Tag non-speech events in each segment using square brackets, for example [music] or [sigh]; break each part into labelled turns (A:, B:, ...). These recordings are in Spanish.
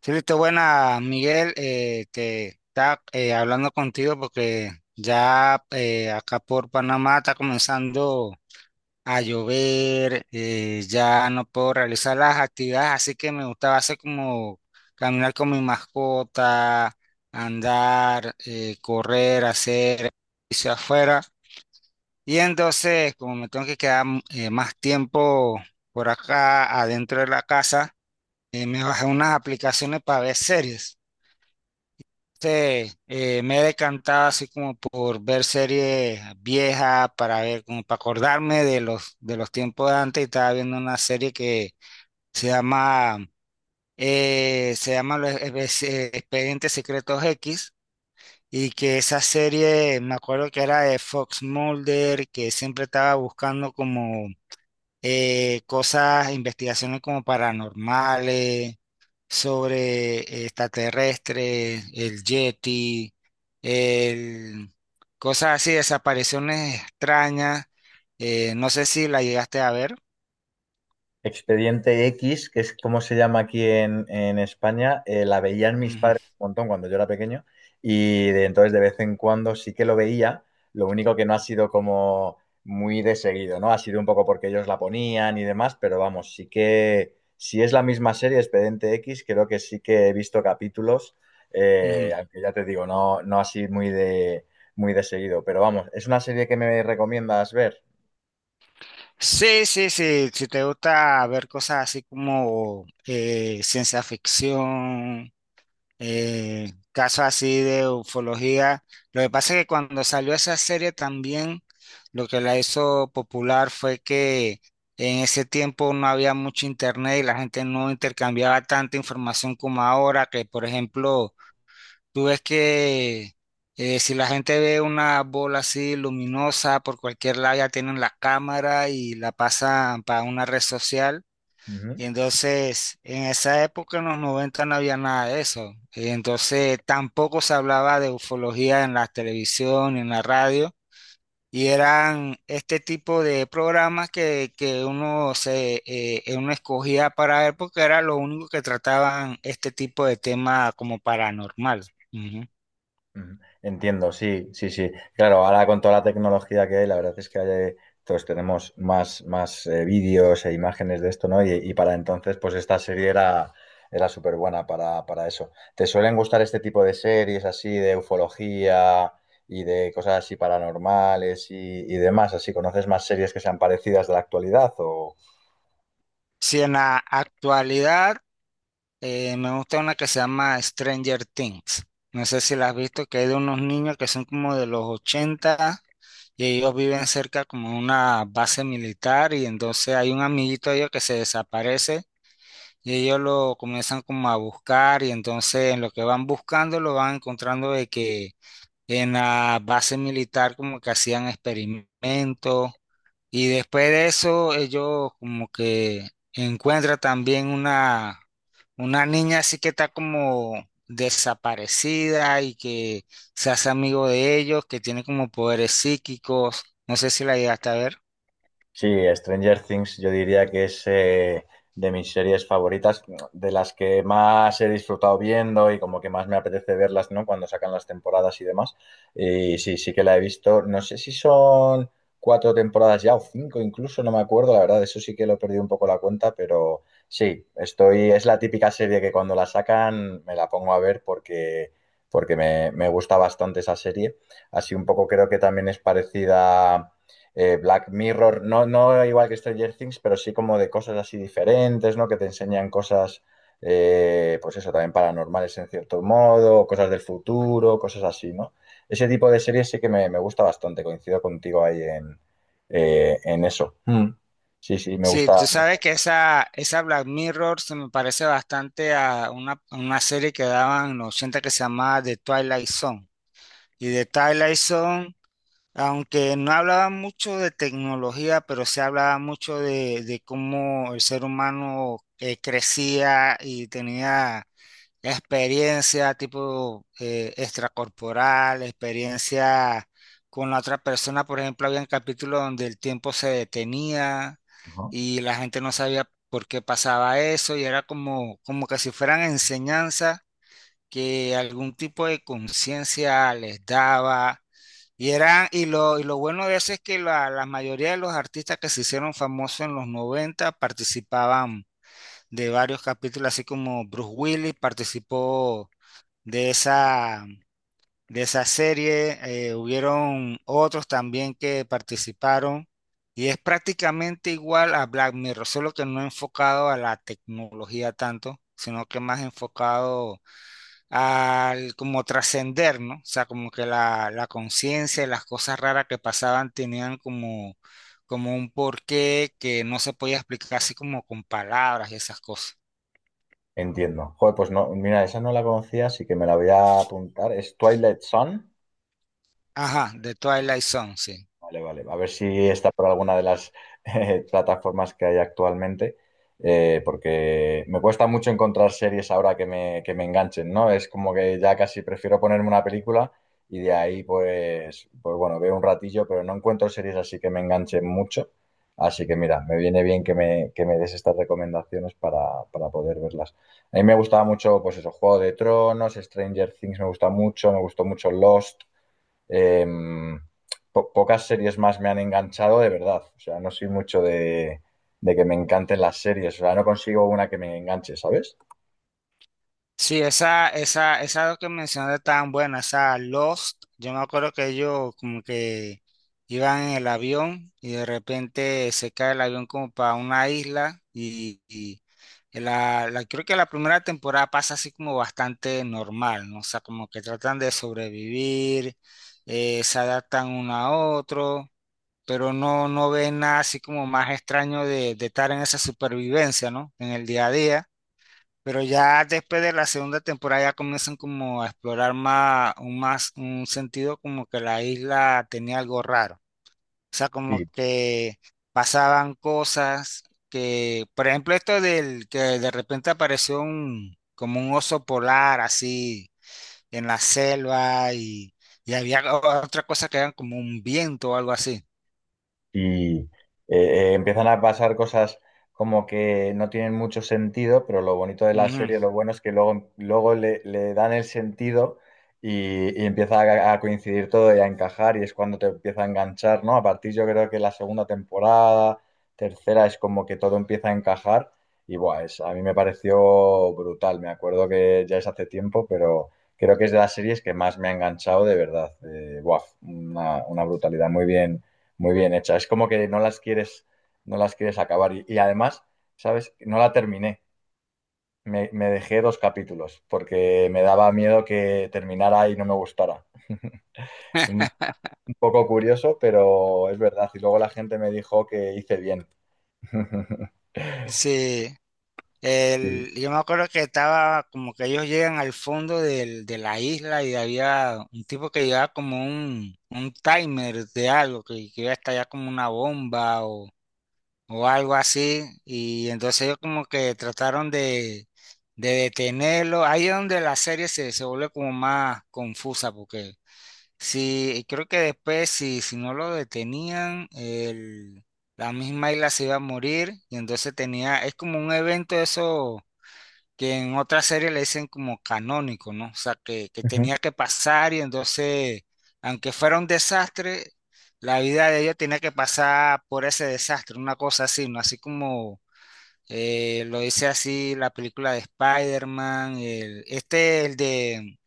A: Sí, listo, buena, Miguel, que está hablando contigo porque ya acá por Panamá está comenzando a llover. Ya no puedo realizar las actividades, así que me gustaba hacer como caminar con mi mascota, andar, correr, hacer ejercicio afuera. Y entonces, como me tengo que quedar más tiempo por acá adentro de la casa, me bajé unas aplicaciones para ver series. Sí, me he decantado así como por ver series viejas para ver, como para acordarme de los tiempos de antes y estaba viendo una serie que se llama los Expedientes Secretos X, y que esa serie me acuerdo que era de Fox Mulder, que siempre estaba buscando como cosas, investigaciones como paranormales sobre extraterrestres, el Yeti, el, cosas así, desapariciones extrañas. No sé si la llegaste a ver.
B: Expediente X, que es como se llama aquí en España, la veían mis
A: Ujú,
B: padres un montón cuando yo era pequeño y de entonces de vez en cuando sí que lo veía, lo único que no ha sido como muy de seguido, ¿no? Ha sido un poco porque ellos la ponían y demás, pero vamos, sí que si es la misma serie, Expediente X, creo que sí que he visto capítulos,
A: ujú.
B: aunque ya te digo, no, no así muy de seguido, pero vamos, es una serie que me recomiendas ver.
A: Sí, sí, sí. Si te gusta ver cosas así como ciencia ficción, casos así de ufología. Lo que pasa es que cuando salió esa serie también, lo que la hizo popular fue que en ese tiempo no había mucho internet y la gente no intercambiaba tanta información como ahora, que por ejemplo, tú ves que si la gente ve una bola así luminosa por cualquier lado, ya tienen la cámara y la pasan para una red social. Y entonces, en esa época, en los 90 no había nada de eso. Y entonces, tampoco se hablaba de ufología en la televisión ni en la radio. Y eran este tipo de programas que uno, se, uno escogía para ver porque era lo único que trataban este tipo de tema como paranormal. Ujú.
B: Ujú. Entiendo, sí, sí, sí. Claro, ahora con toda la tecnología que hay, la verdad es que todos tenemos más vídeos e imágenes de esto, ¿no? Y para entonces, pues esta serie era súper buena para eso. ¿Te suelen gustar este tipo de series así de ufología y de cosas así paranormales y demás? ¿Así conoces más series que sean parecidas de la actualidad o...?
A: Si en la actualidad, me gusta una que se llama Stranger Things. No sé si la has visto. Que es de unos niños que son como de los ochenta, y ellos viven cerca como una base militar, y entonces hay un amiguito de ellos que se desaparece y ellos lo comienzan como a buscar, y entonces en lo que van buscando lo van encontrando de que en la base militar como que hacían experimentos, y después de eso, ellos como que encuentran también una niña así que está como desaparecida y que se hace amigo de ellos, que tiene como poderes psíquicos. No sé si la llegaste a ver.
B: Sí, Stranger Things yo diría que es de mis series favoritas, de las que más he disfrutado viendo y como que más me apetece verlas, ¿no? Cuando sacan las temporadas y demás. Y sí, sí que la he visto. No sé si son cuatro temporadas ya o cinco incluso, no me acuerdo, la verdad, eso sí que lo he perdido un poco la cuenta, pero sí, estoy, es la típica serie que cuando la sacan me la pongo a ver porque me gusta bastante esa serie. Así un poco creo que también es parecida Black Mirror, no, no igual que Stranger Things, pero sí como de cosas así diferentes, ¿no? Que te enseñan cosas, pues eso, también paranormales en cierto modo, cosas del futuro, cosas así, ¿no? Ese tipo de series sí que me gusta bastante, coincido contigo ahí en eso. Mm. Sí, sí, me
A: Sí,
B: gusta.
A: tú
B: Me gusta.
A: sabes que esa Black Mirror se me parece bastante a una serie que daban en los 80, que se llamaba The Twilight Zone. Y The Twilight Zone, aunque no hablaba mucho de tecnología, pero se hablaba mucho de cómo el ser humano crecía y tenía experiencia tipo extracorporal, experiencia con la otra persona. Por ejemplo, había un capítulo donde el tiempo se detenía
B: Ajá.
A: y la gente no sabía por qué pasaba eso, y era como, como que si fueran enseñanzas que algún tipo de conciencia les daba. Y lo bueno de eso es que la mayoría de los artistas que se hicieron famosos en los 90 participaban de varios capítulos. Así como Bruce Willis participó de esa, de esa serie, hubieron otros también que participaron. Y es prácticamente igual a Black Mirror, solo que no enfocado a la tecnología tanto, sino que más enfocado al como trascender, ¿no? O sea, como que la conciencia y las cosas raras que pasaban tenían como, como un porqué que no se podía explicar así como con palabras y esas cosas.
B: Entiendo. Joder, pues no, mira, esa no la conocía, así que me la voy a apuntar. ¿Es Twilight Sun?
A: Ajá, de Twilight Zone, sí.
B: Vale, vale. A ver si está por alguna de las plataformas que hay actualmente, porque me cuesta mucho encontrar series ahora que que me enganchen, ¿no? Es como que ya casi prefiero ponerme una película y de ahí, pues, pues bueno, veo un ratillo, pero no encuentro series así que me enganchen mucho. Así que mira, me viene bien que que me des estas recomendaciones para poder verlas. A mí me gustaba mucho, pues eso, Juego de Tronos, Stranger Things me gusta mucho, me gustó mucho Lost eh, pocas series más me han enganchado de verdad. O sea, no soy mucho de que me encanten las series. O sea, no consigo una que me enganche, ¿sabes?
A: Sí, esa que mencionaste tan buena, esa Lost, yo me acuerdo que ellos como que iban en el avión, y de repente se cae el avión como para una isla, y creo que la primera temporada pasa así como bastante normal, ¿no? O sea, como que tratan de sobrevivir, se adaptan uno a otro, pero no, no ven nada así como más extraño de estar en esa supervivencia, ¿no? En el día a día. Pero ya después de la segunda temporada ya comienzan como a explorar más un sentido como que la isla tenía algo raro. O sea, como que pasaban cosas que, por ejemplo, esto del que de repente apareció un, como un oso polar así en la selva, y había otra cosa que era como un viento o algo así.
B: Y empiezan a pasar cosas como que no tienen mucho sentido, pero lo bonito de la
A: Ujú.
B: serie, lo bueno es que luego, luego le dan el sentido y empieza a coincidir todo y a encajar y es cuando te empieza a enganchar, ¿no? A partir yo creo que la segunda temporada, tercera, es como que todo empieza a encajar y buah, es, a mí me pareció brutal, me acuerdo que ya es hace tiempo, pero... Creo que es de las series que más me ha enganchado de verdad. Buah, una brutalidad. Muy bien hecha. Es como que no las quieres, no las quieres acabar. Y además, ¿sabes? No la terminé. Dejé dos capítulos porque me daba miedo que terminara y no me gustara. Un, un poco curioso, pero es verdad. Y luego la gente me dijo que hice bien. [laughs]
A: Sí,
B: Sí.
A: el, yo me acuerdo que estaba como que ellos llegan al fondo de la isla y había un tipo que llevaba como un timer de algo, que iba a estallar como una bomba, o algo así. Y entonces ellos como que trataron de detenerlo. Ahí es donde la serie se, se vuelve como más confusa, porque sí, y creo que después si no lo detenían, el, la misma isla se iba a morir. Y entonces tenía, es como un evento eso que en otra serie le dicen como canónico, ¿no? O sea, que
B: Ujú,
A: tenía que pasar, y entonces, aunque fuera un desastre, la vida de ella tenía que pasar por ese desastre, una cosa así, ¿no? Así como lo dice así la película de Spider-Man, este, el de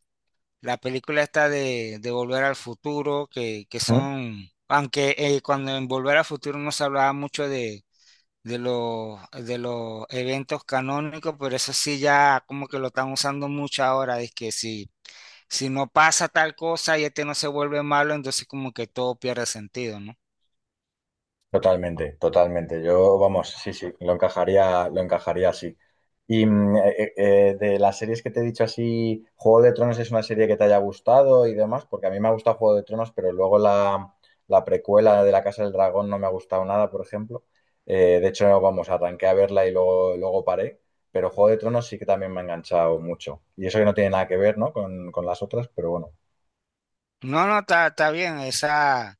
A: la película esta de Volver al Futuro, que
B: ujú.
A: son, aunque cuando en Volver al Futuro no se hablaba mucho de de los eventos canónicos, pero eso sí ya como que lo están usando mucho ahora, es que si, si no pasa tal cosa y este no se vuelve malo, entonces como que todo pierde sentido, ¿no?
B: Totalmente, totalmente. Yo, vamos, sí, sí, lo encajaría así. Y de las series que te he dicho así, Juego de Tronos es una serie que te haya gustado y demás, porque a mí me ha gustado Juego de Tronos, pero luego la precuela de La Casa del Dragón no me ha gustado nada, por ejemplo. De hecho, vamos, arranqué a verla y luego, luego paré, pero Juego de Tronos sí que también me ha enganchado mucho. Y eso que no tiene nada que ver, ¿no? Con las otras, pero bueno.
A: No, no, está, está bien, esa...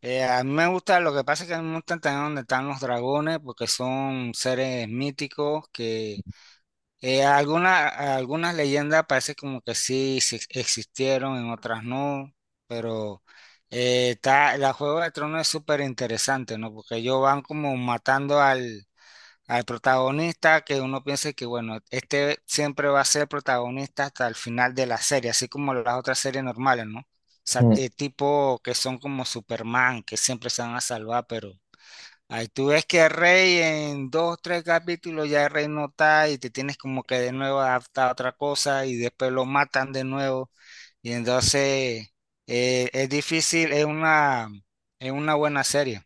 A: a mí me gusta, lo que pasa es que a mí me gusta también donde están los dragones, porque son seres míticos que... alguna, algunas leyendas parece como que sí, sí existieron, en otras no, pero está, la Juego de Tronos es súper interesante, ¿no? Porque ellos van como matando al, al protagonista, que uno piensa que, bueno, este siempre va a ser protagonista hasta el final de la serie, así como las otras series normales, ¿no? O sea, tipo que son como Superman, que siempre se van a salvar, pero ahí tú ves que Rey en dos, tres capítulos ya Rey no está y te tienes como que de nuevo adaptar a otra cosa y después lo matan de nuevo. Y entonces es difícil, es una buena serie.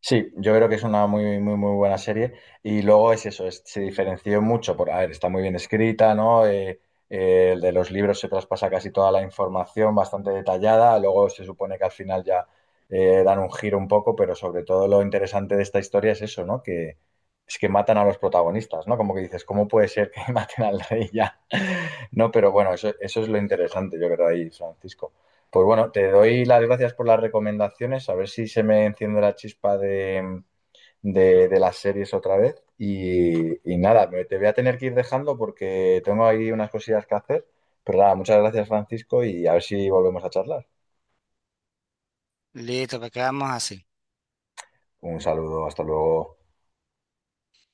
B: Sí, yo creo que es una muy, muy, muy buena serie. Y luego es eso, se diferenció mucho por, a ver, está muy bien escrita, ¿no? El de los libros se traspasa casi toda la información, bastante detallada. Luego se supone que al final ya dan un giro un poco, pero sobre todo lo interesante de esta historia es eso, ¿no? Que es que matan a los protagonistas, ¿no? Como que dices, ¿cómo puede ser que [laughs] maten al rey ya? [laughs] No, pero bueno, eso es lo interesante, yo creo, ahí, Francisco. Pues bueno, te doy las gracias por las recomendaciones. A ver si se me enciende la chispa de, de las series otra vez. Y nada, te voy a tener que ir dejando porque tengo ahí unas cosillas que hacer. Pero nada, muchas gracias, Francisco, y a ver si volvemos a charlar.
A: Listo, pues quedamos así.
B: Un saludo, hasta luego.